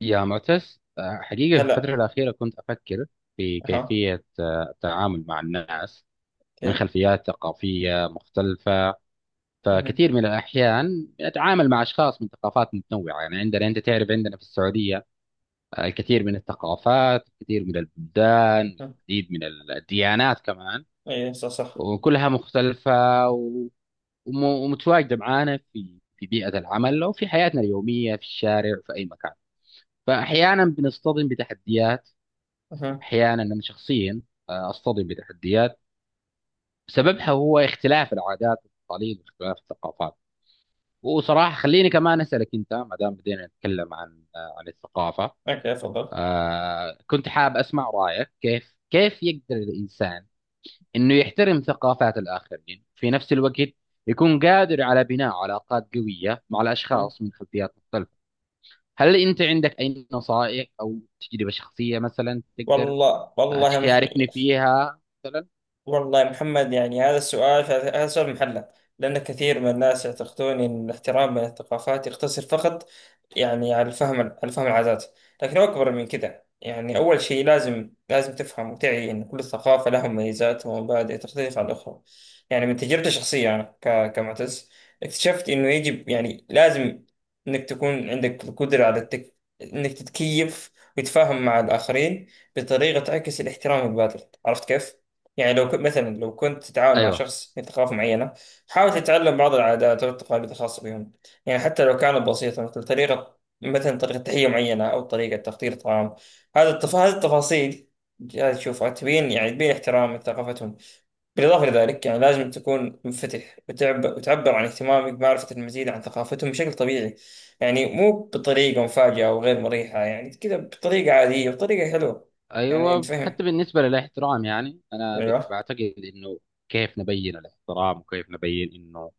يا معتز، حقيقة في الفترة هلا. الأخيرة كنت أفكر في اها. كيفية التعامل مع الناس من اوكي. خلفيات ثقافية مختلفة. اها. فكثير من الأحيان أتعامل مع أشخاص من ثقافات متنوعة، يعني عندنا، أنت تعرف، عندنا في السعودية الكثير من الثقافات، الكثير من البلدان، اها. العديد من الديانات كمان، اي، صح صح. وكلها مختلفة، و- ومتواجدة معانا في بيئة العمل أو في حياتنا اليومية، في الشارع، في أي مكان. فأحيانا بنصطدم بتحديات، اها. احيانا انا شخصيا اصطدم بتحديات سببها هو اختلاف العادات والتقاليد واختلاف الثقافات. وصراحه خليني كمان اسالك انت، ما دام بدينا نتكلم عن عن الثقافه، اوكي، تفضل. كنت حاب اسمع رايك. كيف يقدر الانسان انه يحترم ثقافات الاخرين، في نفس الوقت يكون قادر على بناء علاقات قويه مع أها. الاشخاص من خلفيات مختلفه؟ هل انت عندك اي نصائح او تجربه شخصيه مثلا تقدر والله والله تشاركني محير. فيها مثلا؟ والله يا محمد، يعني هذا سؤال محلة. لأن كثير من الناس يعتقدون أن الاحترام بين الثقافات يقتصر فقط، يعني على الفهم على فهم العادات. لكن هو أكبر من كذا. يعني أول شيء لازم تفهم وتعي أن كل ثقافة لها مميزات ومبادئ تختلف عن الأخرى. يعني من تجربتي الشخصية أنا كمعتز، اكتشفت أنه يجب، يعني لازم أنك تكون عندك القدرة أنك تتكيف وتتفاهم مع الآخرين بطريقة تعكس الاحترام البادئ، عرفت كيف؟ يعني لو كنت مثلا، لو كنت تتعاون مع ايوه، شخص من ثقافة معينة، حاول تتعلم بعض العادات والتقاليد الخاصة بهم. يعني حتى لو كانت بسيطة، مثل طريقة، مثلا طريقة تحية معينة أو طريقة تحضير طعام. هذه التفاصيل جاي تشوفها، تبين يعني تبين احترام لثقافتهم. بالإضافة لذلك، يعني لازم تكون منفتح وتعبر عن اهتمامك بمعرفة المزيد عن ثقافتهم بشكل طبيعي. يعني مو بطريقة مفاجئة أو غير مريحة، يعني كذا بطريقة عادية، بطريقة حلوة. يعني ايوه، حتى تفهم. بالنسبه للاحترام، يعني انا أيوه. بعتقد انه، كيف نبين الاحترام وكيف نبين انه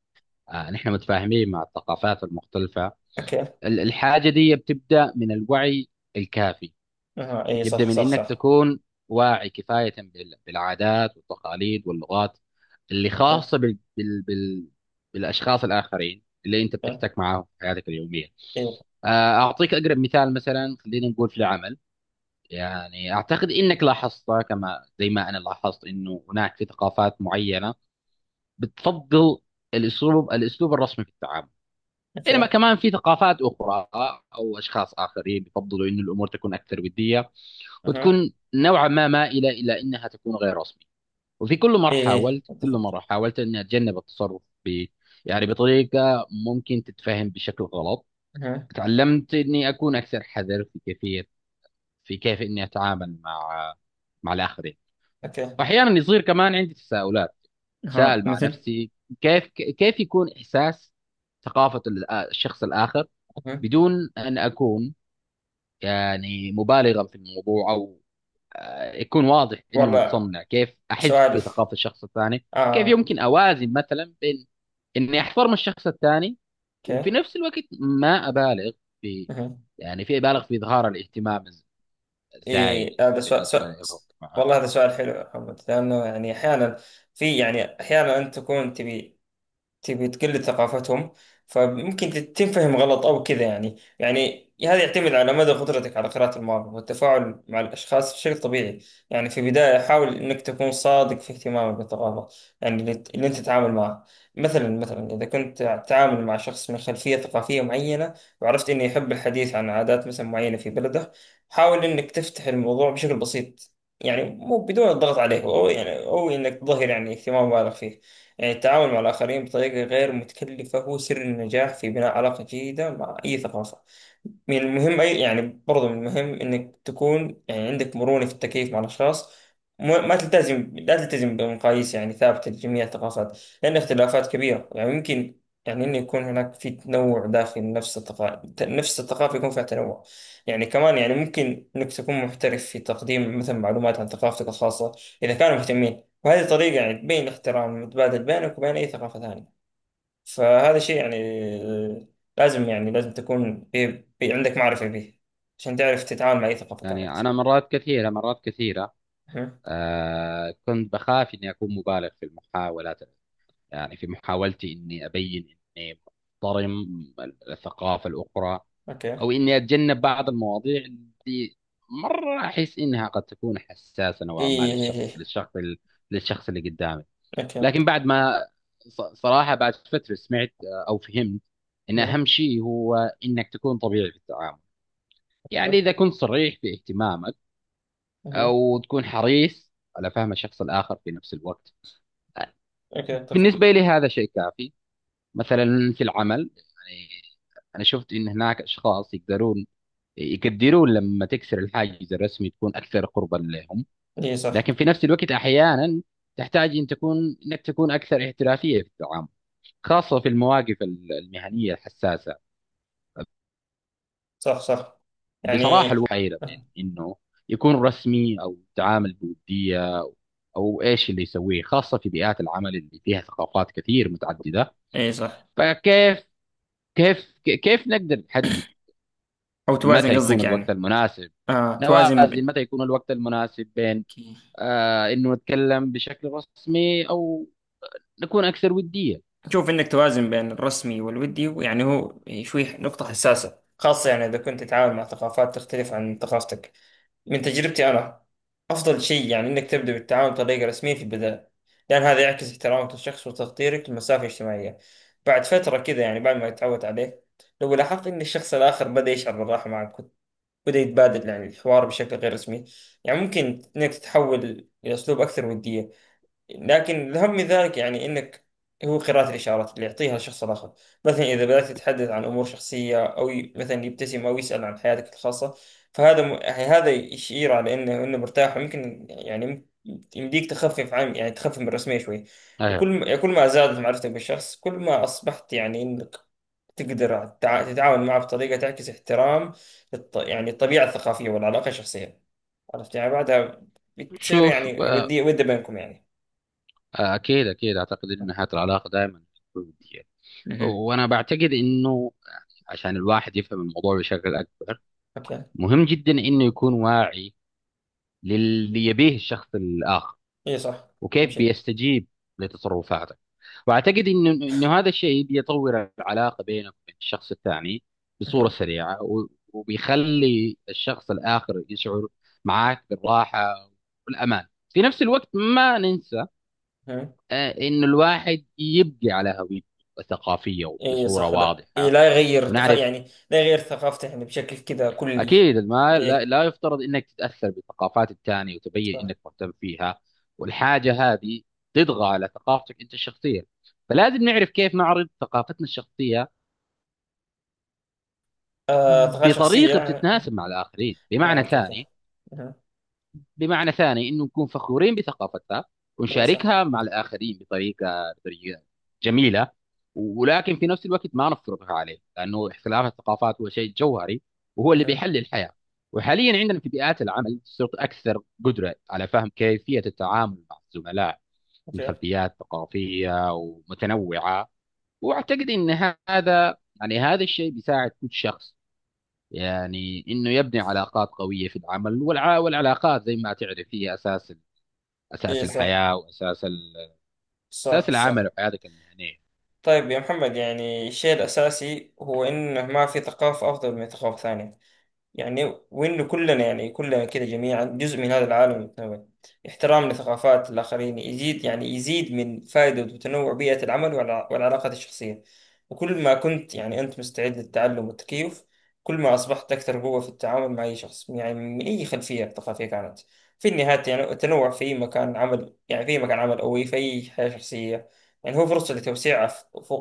نحن متفاهمين مع الثقافات المختلفه. أوكي. الحاجه دي بتبدا من الوعي الكافي. اها. اي، يبدا صح من صح انك صح. تكون واعي كفايه بالعادات والتقاليد واللغات اللي اوكي. خاصه بال بالاشخاص الاخرين اللي انت اوكي. بتحتك معاهم في حياتك اليوميه. اي. آه، اعطيك اقرب مثال، مثلا خلينا نقول في العمل، يعني أعتقد إنك لاحظت كما زي ما أنا لاحظت، إنه هناك في ثقافات معينة بتفضل الأسلوب الرسمي في التعامل، بينما اوكي. كمان في ثقافات أخرى أو أشخاص آخرين بيفضلوا إنه الأمور تكون أكثر ودية، اها. وتكون نوعا ما مائلة إلى إنها تكون غير رسمي. وفي كل مرة اي اي حاولت كل اتفق. مرة حاولت إني أتجنب التصرف ب، يعني بطريقة ممكن تتفهم بشكل غلط. اها. تعلمت إني أكون أكثر حذر في كيفية، في كيف إني أتعامل مع، مع الآخرين. اوكي. واحيانا يصير كمان عندي تساؤلات، اها، تساءل مع مثل. نفسي كيف، كيف يكون احساس ثقافه الشخص الاخر اها. بدون ان اكون يعني مبالغا في الموضوع، او يكون واضح اني والله، متصنع كيف احس سؤال. في ثقافه الشخص الثاني. كيف اه. يمكن اوازن مثلا بين اني احترم الشخص الثاني، اوكي. وفي نفس الوقت ما ابالغ في، اها. يعني في ابالغ في اظهار الاهتمام الزايد اي، هذا سؤال, بالنسبه سؤال له معاه؟ والله هذا سؤال حلو يا محمد، لانه يعني احيانا، في يعني احيانا انت تكون تبي تقلد ثقافتهم. فممكن تنفهم غلط أو كذا. يعني هذا يعتمد على مدى قدرتك على قراءة المواقف والتفاعل مع الأشخاص بشكل طبيعي. يعني في البداية حاول إنك تكون صادق في اهتمامك بالثقافة، يعني اللي أنت تتعامل معه. مثلا إذا كنت تتعامل مع شخص من خلفية ثقافية معينة، وعرفت إنه يحب الحديث عن عادات مثلا معينة في بلده، حاول إنك تفتح الموضوع بشكل بسيط. يعني مو بدون الضغط عليه، أو يعني أو إنك تظهر يعني اهتمام بالغ فيه. يعني التعامل مع الآخرين بطريقة غير متكلفة هو سر النجاح في بناء علاقة جيدة مع أي ثقافة. من المهم، أي يعني برضه من المهم إنك تكون يعني عندك مرونة في التكيف مع الأشخاص. ما لا تلتزم بمقاييس يعني ثابتة لجميع الثقافات، لأن اختلافات كبيرة يعني يمكن يعني إنه يكون هناك في تنوع داخل نفس الثقافة. نفس الثقافة يكون فيها تنوع. يعني كمان يعني ممكن إنك تكون محترف في تقديم مثلا معلومات عن ثقافتك الخاصة إذا كانوا مهتمين. وهذه طريقة يعني تبين الاحترام المتبادل بينك وبين أي ثقافة ثانية. فهذا شيء يعني، آه، لازم يعني لازم تكون بي عندك معرفة به، عشان تعرف تتعامل مع أي ثقافة يعني كانت. انا مرات كثيره أها. كنت بخاف إني أكون مبالغ في المحاولات، يعني في محاولتي إني أبين إني محترم الثقافة الأخرى، أوكي. أو إيه إني أتجنب بعض المواضيع اللي مرة أحس إنها قد تكون حساسة نوعا ما إيه إيه. للشخص اللي قدامي. أوكي. لكن بعد ما، صراحة بعد فترة سمعت أو فهمت إن أها. أهم شيء هو إنك تكون طبيعي في التعامل، يعني أها. إذا كنت صريح في اهتمامك أها. أو تكون حريص على فهم الشخص الآخر في نفس الوقت. أوكي، أتفق. بالنسبة لي هذا شيء كافي. مثلا في العمل، يعني أنا شفت إن هناك أشخاص يقدرون، يقدرون لما تكسر الحاجز الرسمي تكون أكثر قربا لهم. إيه صح. لكن في نفس الوقت أحيانا تحتاج إن تكون، إنك تكون أكثر احترافية في التعامل، خاصة في المواقف المهنية الحساسة. صح صح. يعني بصراحة الواحد حيرة بين إنه يكون رسمي أو تعامل بودية، أو إيش اللي يسويه خاصة في بيئات العمل اللي فيها ثقافات كثير متعددة. إيه صح. فكيف، كيف نقدر نحدد أو متى توازن يكون قصدك الوقت يعني. المناسب، توازن. نوازن متى يكون الوقت المناسب بين ب... انه نتكلم بشكل رسمي او نكون اكثر ودية؟ شوف انك توازن بين الرسمي والودي، يعني هو شوي نقطة حساسة، خاصة يعني اذا كنت تتعامل مع ثقافات تختلف عن ثقافتك. من تجربتي انا، افضل شيء يعني انك تبدأ بالتعامل بطريقة رسمية في البداية، لان هذا يعكس احترامك للشخص وتقديرك للمسافة الاجتماعية. بعد فترة كذا يعني بعد ما تتعود عليه، لو لاحظت ان الشخص الاخر بدأ يشعر بالراحة معك، بدأ يتبادل يعني الحوار بشكل غير رسمي، يعني ممكن انك تتحول الى اسلوب اكثر ودية. لكن الأهم من ذلك يعني انك هو قراءة الإشارات اللي يعطيها الشخص الآخر. مثلا إذا بدأت تتحدث عن أمور شخصية، أو مثلا يبتسم أو يسأل عن حياتك الخاصة، فهذا يعني هذا يشير على إنه مرتاح، ويمكن يعني يمديك تخفف عن، يعني تخفف من الرسمية شوي. وكل ايوه. ما... كل ما زادت معرفتك بالشخص، كل ما أصبحت يعني إنك تقدر تتعاون معه بطريقة تعكس احترام يعني الطبيعة الثقافية والعلاقة الشخصية. عرفت يعني بعدها بتصير شوف، يعني آه، ودية، ودة بينكم يعني. اكيد اعتقد ان حياة العلاقة دائما تكون ودية. مهم. وانا بعتقد انه عشان الواحد يفهم الموضوع بشكل اكبر، مكان. مهم جدا انه يكون واعي للي يبيه الشخص الاخر اي صح. اهم وكيف شيء. بيستجيب لتصرفاتك. واعتقد انه هذا الشيء بيطور العلاقه بينك وبين الشخص الثاني بصوره اها. سريعه، وبيخلي الشخص الاخر يشعر معك بالراحه والامان. في نفس الوقت ما ننسى اها. انه الواحد يبقى على هويته الثقافيه اي بصوره صح، لا اي، واضحه، لا يغير ونعرف يعني لا يغير ثقافته يعني بشكل كذا كلي. أكيد ما، اي لا يفترض أنك تتأثر بثقافات الثاني وتبين صح. أنك مهتم فيها، والحاجة هذه تطغى على ثقافتك أنت الشخصية. فلازم نعرف كيف نعرض ثقافتنا الشخصية ثقافة شخصية بطريقة يعني. بتتناسب مع الآخرين. اه، بمعنى اوكي اوكي. ثاني، اها. انه نكون فخورين بثقافتنا اي صح. ونشاركها مع الاخرين بطريقه، بطريقه جميله، ولكن في نفس الوقت ما نفرضها عليه، لانه اختلاف الثقافات هو شيء جوهري، وهو اللي اها. بيحل الحياه. وحاليا عندنا في بيئات العمل صرت اكثر قدره على فهم كيفيه التعامل مع الزملاء من اوكي. خلفيات ثقافيه ومتنوعه. واعتقد ان هذا الشيء بيساعد كل شخص، يعني انه يبني علاقات قويه في العمل والعلاقات زي ما تعرف هي اساس، اساس اي، صح الحياه، اساس صح العمل صح. وحياتك المهنيه. طيب يا محمد، يعني الشيء الأساسي هو إنه ما في ثقافة أفضل من ثقافة ثانية. يعني وإنه كلنا، يعني كلنا كده جميعا جزء من هذا العالم المتنوع. احترام لثقافات الآخرين يزيد، يعني يزيد من فائدة وتنوع بيئة العمل والعلاقات الشخصية. وكل ما كنت يعني أنت مستعد للتعلم والتكيف، كل ما أصبحت أكثر قوة في التعامل مع أي شخص، يعني من أي خلفية ثقافية كانت. في النهاية يعني التنوع في مكان عمل، يعني في مكان عمل أو في أي حياة شخصية، يعني هو فرصة لتوسيع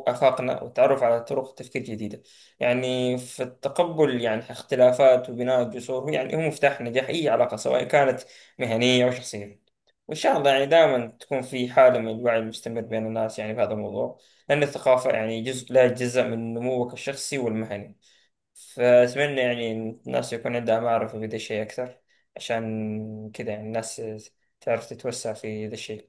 أفاقنا والتعرف على طرق تفكير جديدة. يعني في التقبل يعني اختلافات وبناء الجسور، يعني هو مفتاح نجاح أي علاقة سواء كانت مهنية أو شخصية. وإن شاء الله يعني دائما تكون في حالة من الوعي المستمر بين الناس يعني في هذا الموضوع، لأن الثقافة يعني جزء لا يتجزأ من نموك الشخصي والمهني. فأتمنى يعني إن الناس يكون عندها معرفة بهذا الشيء أكثر، عشان كذا يعني الناس تعرف تتوسع في ذا الشيء.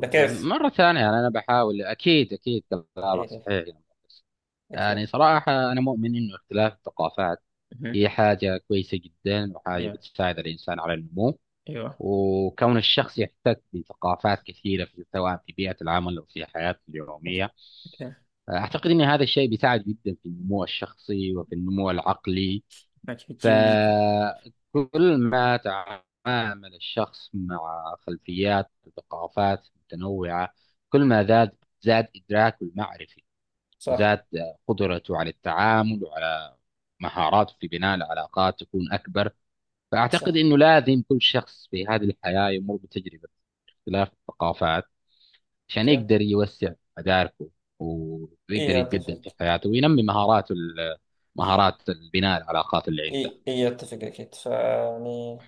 ولا كيف؟ مره ثانيه، يعني انا بحاول، اكيد كلامك إيه، صحيح يا مهندس. أكيد. يعني صراحه انا مؤمن انه اختلاف الثقافات مهم. هي حاجه كويسه جدا، وحاجه يا. بتساعد الانسان على النمو. أيوه. وكون الشخص يحتك بثقافات كثيره، في سواء في بيئه العمل او في حياته أوكي. اليوميه، أوكي. اعتقد ان هذا الشيء بيساعد جدا في النمو الشخصي وفي النمو العقلي. أوكي، جميل جدا. فكل ما تعلم يتعامل الشخص مع خلفيات وثقافات متنوعة، كل ما زاد، زاد إدراكه المعرفي، وزاد صح. قدرته على التعامل، وعلى مهاراته في بناء العلاقات تكون أكبر. فأعتقد صح. أنه لازم كل شخص في هذه الحياة يمر بتجربة اختلاف الثقافات، عشان اوكي. يقدر يوسع مداركه، ويقدر ايه، يتقدم اتفق. في حياته، وينمي مهاراته مهارات بناء العلاقات اللي عنده. ايه ايه، اتفق اكيد فيعني.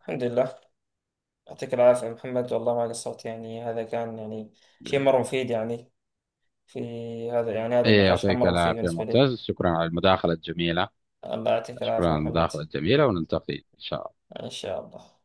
الحمد لله. يعطيك العافية يا محمد، والله ما قصرت. يعني هذا كان يعني شيء مرة مفيد. يعني في، هذا يعني هذا إيه، النقاش كان يعطيك مرة مفيد العافية بالنسبة لي. معتز، شكرا على المداخلة الجميلة. الله يعطيك العافية يا محمد. ونلتقي إن شاء الله. ان شاء الله.